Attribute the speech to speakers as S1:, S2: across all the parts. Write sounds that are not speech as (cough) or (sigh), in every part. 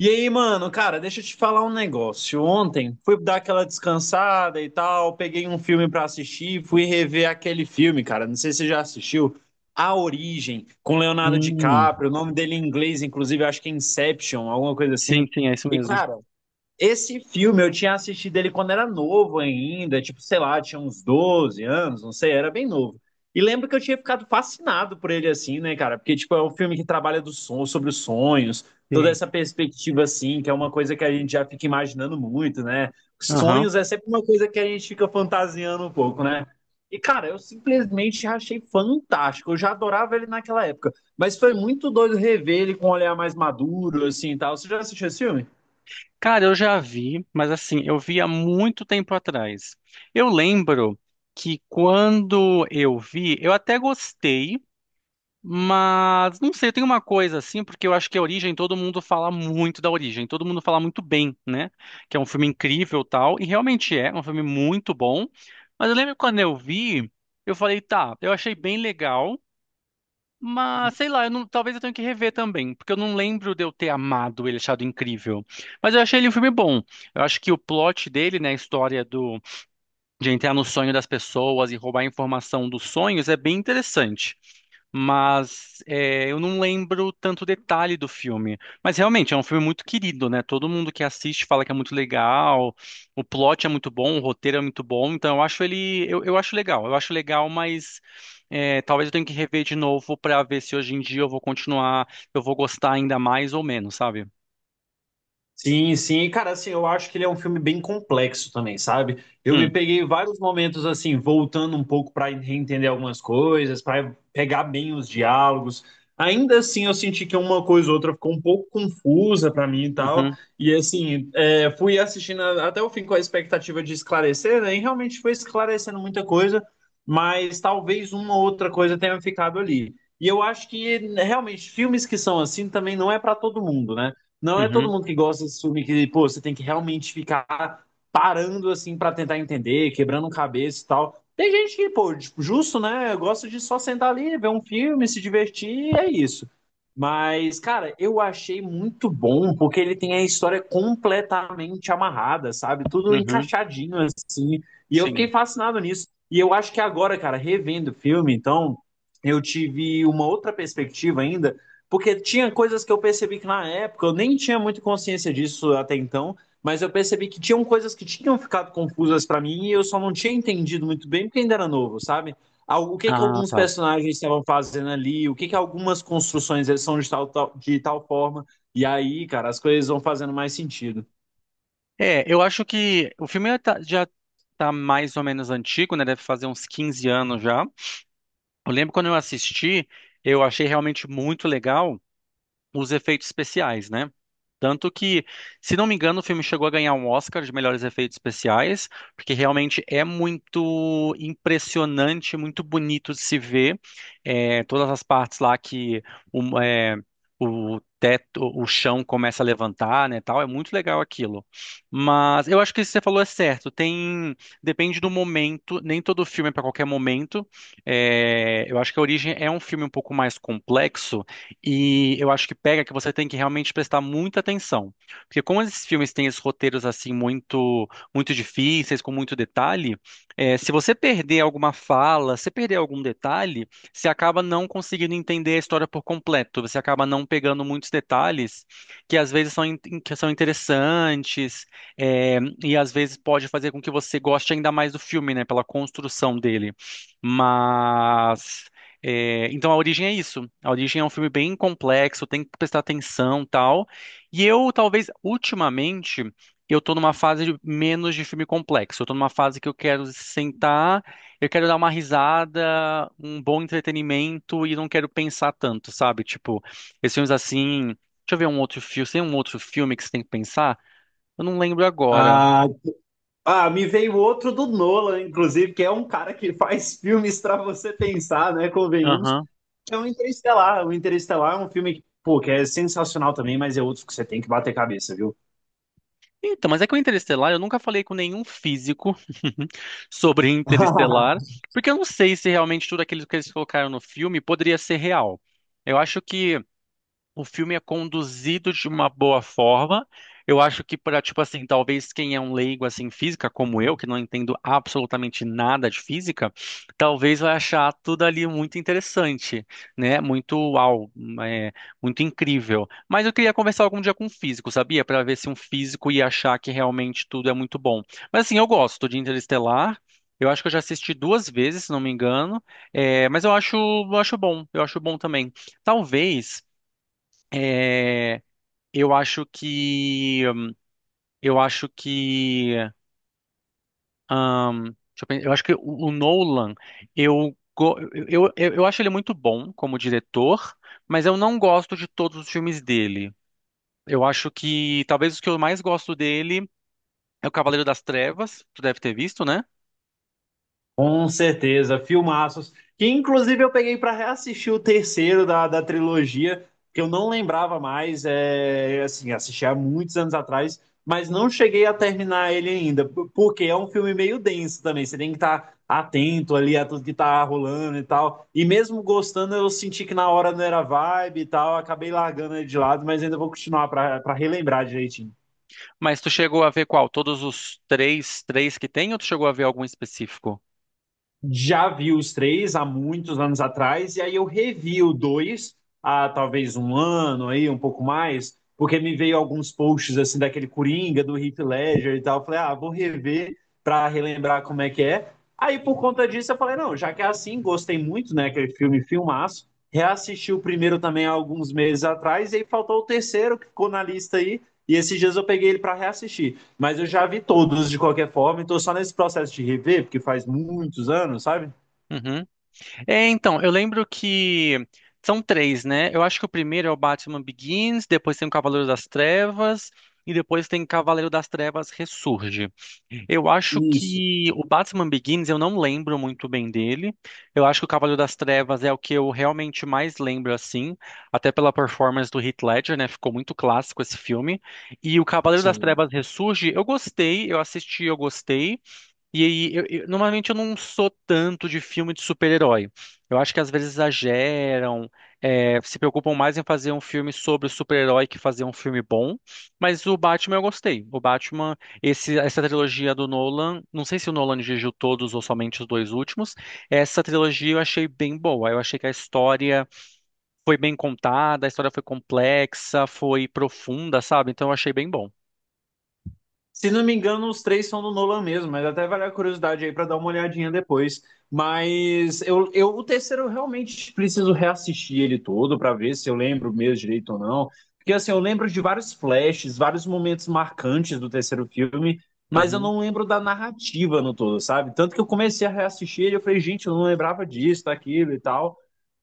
S1: E aí, mano, cara, deixa eu te falar um negócio. Ontem fui dar aquela descansada e tal, peguei um filme pra assistir, fui rever aquele filme, cara. Não sei se você já assistiu, A Origem, com Leonardo
S2: Hum,
S1: DiCaprio. O nome dele em inglês, inclusive, acho que é Inception, alguma coisa
S2: sim,
S1: assim.
S2: sim, é isso
S1: E,
S2: mesmo.
S1: cara, esse filme eu tinha assistido ele quando era novo ainda, tipo, sei lá, tinha uns 12 anos, não sei, era bem novo. E lembro que eu tinha ficado fascinado por ele assim, né, cara? Porque, tipo, é um filme que trabalha sobre os sonhos, toda
S2: Sim.
S1: essa perspectiva assim, que é uma coisa que a gente já fica imaginando muito, né?
S2: Aham.
S1: Sonhos é sempre uma coisa que a gente fica fantasiando um pouco, né? E, cara, eu simplesmente achei fantástico. Eu já adorava ele naquela época. Mas foi muito doido rever ele com um olhar mais maduro, assim e tal. Você já assistiu esse filme?
S2: Cara, eu já vi, mas assim, eu vi há muito tempo atrás. Eu lembro que quando eu vi, eu até gostei, mas não sei, tem uma coisa assim, porque eu acho que a Origem, todo mundo fala muito da Origem, todo mundo fala muito bem, né? Que é um filme incrível, tal, e realmente é um filme muito bom. Mas eu lembro que quando eu vi, eu falei, tá, eu achei bem legal. Mas, sei lá, eu não- talvez eu tenha que rever também, porque eu não lembro de eu ter amado ele, achado incrível. Mas eu achei ele um filme bom. Eu acho que o plot dele, né, a história de entrar no sonho das pessoas e roubar a informação dos sonhos é bem interessante. Mas é, eu não lembro tanto detalhe do filme. Mas realmente é um filme muito querido, né? Todo mundo que assiste fala que é muito legal, o plot é muito bom, o roteiro é muito bom. Então eu acho ele, eu acho legal, eu acho legal, mas é, talvez eu tenha que rever de novo pra ver se hoje em dia eu vou continuar, eu vou gostar ainda mais ou menos, sabe?
S1: Sim, sim, e cara, assim, eu acho que ele é um filme bem complexo também, sabe? Eu me
S2: Hum,
S1: peguei vários momentos assim, voltando um pouco para reentender algumas coisas, para pegar bem os diálogos. Ainda assim, eu senti que uma coisa ou outra ficou um pouco confusa para mim e tal.
S2: uhum,
S1: E assim, é, fui assistindo até o fim com a expectativa de esclarecer, né? E realmente foi esclarecendo muita coisa, mas talvez uma ou outra coisa tenha ficado ali. E eu acho que realmente filmes que são assim também não é para todo mundo, né? Não é todo
S2: uhum,
S1: mundo que gosta desse filme que, pô, você tem que realmente ficar parando assim pra tentar entender, quebrando cabeça e tal. Tem gente que, pô, tipo, justo, né? Gosta de só sentar ali, ver um filme, se divertir, e é isso. Mas, cara, eu achei muito bom porque ele tem a história completamente amarrada, sabe? Tudo
S2: uhum,
S1: encaixadinho assim. E eu
S2: sim.
S1: fiquei fascinado nisso. E eu acho que agora, cara, revendo o filme, então, eu tive uma outra perspectiva ainda porque tinha coisas que eu percebi que na época eu nem tinha muita consciência disso até então, mas eu percebi que tinham coisas que tinham ficado confusas pra mim e eu só não tinha entendido muito bem porque ainda era novo, sabe? O que que
S2: Ah,
S1: alguns
S2: tá.
S1: personagens estavam fazendo ali, o que que algumas construções eles são de de tal forma, e aí, cara, as coisas vão fazendo mais sentido.
S2: É, eu acho que o filme já tá mais ou menos antigo, né? Deve fazer uns 15 anos já. Eu lembro quando eu assisti, eu achei realmente muito legal os efeitos especiais, né? Tanto que, se não me engano, o filme chegou a ganhar um Oscar de melhores efeitos especiais, porque realmente é muito impressionante, muito bonito de se ver. É, todas as partes lá que o, é, o teto, o chão começa a levantar, né, tal, é muito legal aquilo. Mas eu acho que isso que você falou é certo. Tem, depende do momento, nem todo filme é para qualquer momento. É, eu acho que a Origem é um filme um pouco mais complexo e eu acho que pega que você tem que realmente prestar muita atenção. Porque como esses filmes têm esses roteiros assim muito muito difíceis, com muito detalhe, é, se você perder alguma fala, se perder algum detalhe, você acaba não conseguindo entender a história por completo. Você acaba não pegando muitos detalhes que às vezes que são interessantes, é, e às vezes pode fazer com que você goste ainda mais do filme, né? Pela construção dele. Mas. É, então a origem é isso. A origem é um filme bem complexo, tem que prestar atenção, tal. E eu talvez ultimamente eu tô numa fase menos de filme complexo. Eu tô numa fase que eu quero sentar, eu quero dar uma risada, um bom entretenimento e não quero pensar tanto, sabe? Tipo, esses filmes assim, deixa eu ver um outro filme, tem um outro filme que você tem que pensar? Eu não lembro agora.
S1: Ah, ah, me veio outro do Nolan, inclusive, que é um cara que faz filmes pra você pensar, né? Convenhamos. É o Interestelar. O Interestelar é um filme que, pô, que é sensacional também, mas é outro que você tem que bater cabeça, viu?
S2: Então, mas é que o Interestelar, eu nunca falei com nenhum físico (laughs) sobre Interestelar,
S1: (laughs)
S2: porque eu não sei se realmente tudo aquilo que eles colocaram no filme poderia ser real. Eu acho que o filme é conduzido de uma boa forma. Eu acho que para, tipo assim, talvez quem é um leigo assim em física como eu, que não entendo absolutamente nada de física, talvez vai achar tudo ali muito interessante, né? Muito uau, é, muito incrível. Mas eu queria conversar algum dia com um físico, sabia? Para ver se um físico ia achar que realmente tudo é muito bom. Mas assim, eu gosto de Interestelar. Eu acho que eu já assisti duas vezes, se não me engano. É, mas eu acho bom. Eu acho bom também. Talvez é, eu acho que. Eu acho que. Deixa eu, pensar, eu acho que o Nolan, eu, go- eu acho ele muito bom como diretor, mas eu não gosto de todos os filmes dele. Eu acho que talvez os que eu mais gosto dele é o Cavaleiro das Trevas, tu deve ter visto, né?
S1: Com certeza, filmaços. Que inclusive eu peguei para reassistir o terceiro da trilogia, que eu não lembrava mais, é, assim, assisti há muitos anos atrás, mas não cheguei a terminar ele ainda, porque é um filme meio denso também, você tem que estar atento ali a tudo que tá rolando e tal. E mesmo gostando, eu senti que na hora não era vibe e tal, acabei largando ele de lado, mas ainda vou continuar para relembrar direitinho.
S2: Mas tu chegou a ver qual? Todos os três, que tem, ou tu chegou a ver algum específico?
S1: Já vi os três há muitos anos atrás, e aí eu revi o dois há talvez um ano aí, um pouco mais, porque me veio alguns posts assim daquele Coringa, do Heath Ledger e tal. Eu falei, ah, vou rever para relembrar como é que é. Aí por conta disso eu falei, não, já que é assim, gostei muito, né, aquele filme filmaço. Reassisti o primeiro também há alguns meses atrás, e aí faltou o terceiro que ficou na lista aí, e esses dias eu peguei ele para reassistir. Mas eu já vi todos de qualquer forma, e tô só nesse processo de rever, porque faz muitos anos, sabe?
S2: Uhum. É, então, eu lembro que são três, né? Eu acho que o primeiro é o Batman Begins, depois tem o Cavaleiro das Trevas e depois tem Cavaleiro das Trevas Ressurge. Eu acho
S1: Isso,
S2: que o Batman Begins eu não lembro muito bem dele. Eu acho que o Cavaleiro das Trevas é o que eu realmente mais lembro assim, até pela performance do Heath Ledger, né? Ficou muito clássico esse filme. E o Cavaleiro das
S1: sim.
S2: Trevas Ressurge, eu gostei, eu assisti, eu gostei. E aí, normalmente eu não sou tanto de filme de super-herói. Eu acho que às vezes exageram, se preocupam mais em fazer um filme sobre o super-herói que fazer um filme bom. Mas o Batman eu gostei. O Batman, essa trilogia do Nolan, não sei se o Nolan dirigiu todos ou somente os dois últimos. Essa trilogia eu achei bem boa. Eu achei que a história foi bem contada, a história foi complexa, foi profunda, sabe? Então eu achei bem bom.
S1: Se não me engano, os três são do Nolan mesmo, mas até vale a curiosidade aí para dar uma olhadinha depois. Mas eu o terceiro eu realmente preciso reassistir ele todo para ver se eu lembro mesmo direito ou não. Porque assim, eu lembro de vários flashes, vários momentos marcantes do terceiro filme, mas eu
S2: Uhum,
S1: não lembro da narrativa no todo, sabe? Tanto que eu comecei a reassistir ele, eu falei, gente, eu não lembrava disso, daquilo e tal.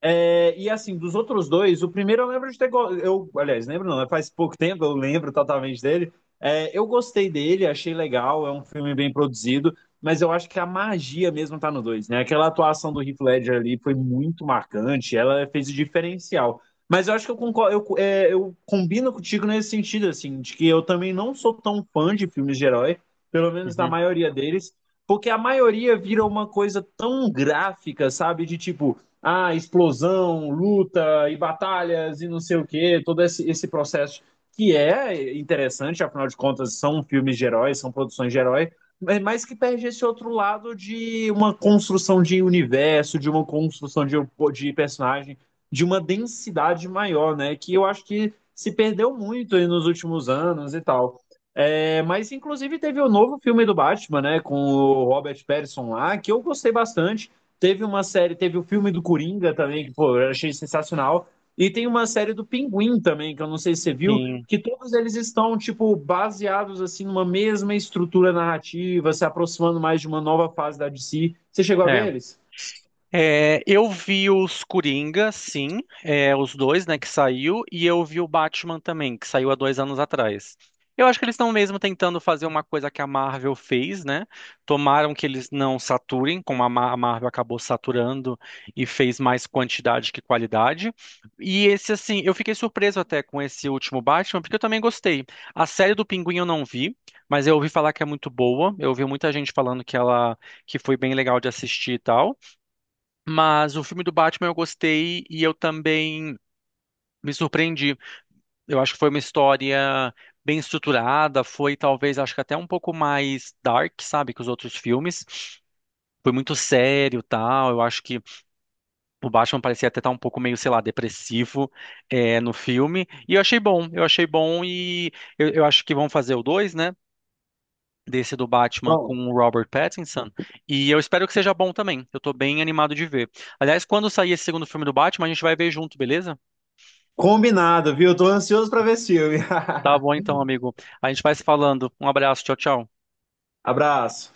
S1: É, e assim, dos outros dois, o primeiro eu lembro de ter. Eu, aliás, lembro não, né? Faz pouco tempo, eu lembro totalmente dele. É, eu gostei dele, achei legal, é um filme bem produzido, mas eu acho que a magia mesmo tá no dois, né? Aquela atuação do Heath Ledger ali foi muito marcante, ela fez o diferencial. Mas eu acho que eu, concordo, eu combino contigo nesse sentido, assim, de que eu também não sou tão fã de filmes de herói, pelo menos da
S2: uhum.
S1: maioria deles, porque a maioria vira uma coisa tão gráfica, sabe? De tipo ah, explosão, luta e batalhas e não sei o quê, todo esse processo que é interessante, afinal de contas, são filmes de heróis, são produções de herói, mas que perde esse outro lado de uma construção de universo, de uma construção de personagem, de uma densidade maior, né? Que eu acho que se perdeu muito aí nos últimos anos e tal. É, mas, inclusive, teve o novo filme do Batman, né? Com o Robert Pattinson lá, que eu gostei bastante. Teve uma série, teve o filme do Coringa também, que pô, eu achei sensacional. E tem uma série do Pinguim também, que eu não sei se você viu,
S2: Sim.
S1: que todos eles estão, tipo, baseados, assim, numa mesma estrutura narrativa, se aproximando mais de uma nova fase da DC. Você chegou a ver eles?
S2: É, eu vi os Coringa, sim, os dois, né, que saiu, e eu vi o Batman também, que saiu há 2 anos atrás. Eu acho que eles estão mesmo tentando fazer uma coisa que a Marvel fez, né? Tomaram que eles não saturem, como a a Marvel acabou saturando e fez mais quantidade que qualidade. E esse, assim, eu fiquei surpreso até com esse último Batman, porque eu também gostei. A série do Pinguim eu não vi, mas eu ouvi falar que é muito boa. Eu ouvi muita gente falando que foi bem legal de assistir e tal. Mas o filme do Batman eu gostei e eu também me surpreendi. Eu acho que foi uma história bem estruturada, foi talvez, acho que até um pouco mais dark, sabe, que os outros filmes. Foi muito sério, tal. Eu acho que o Batman parecia até estar um pouco meio, sei lá, depressivo no filme. E eu achei bom e eu acho que vão fazer o dois, né? Desse do Batman com
S1: Bom,
S2: o Robert Pattinson. E eu espero que seja bom também. Eu tô bem animado de ver. Aliás, quando sair esse segundo filme do Batman, a gente vai ver junto, beleza?
S1: combinado, viu? Tô ansioso pra ver esse filme. (laughs)
S2: Tá bom então, amigo. A gente vai se falando. Um abraço, tchau, tchau.
S1: Abraço.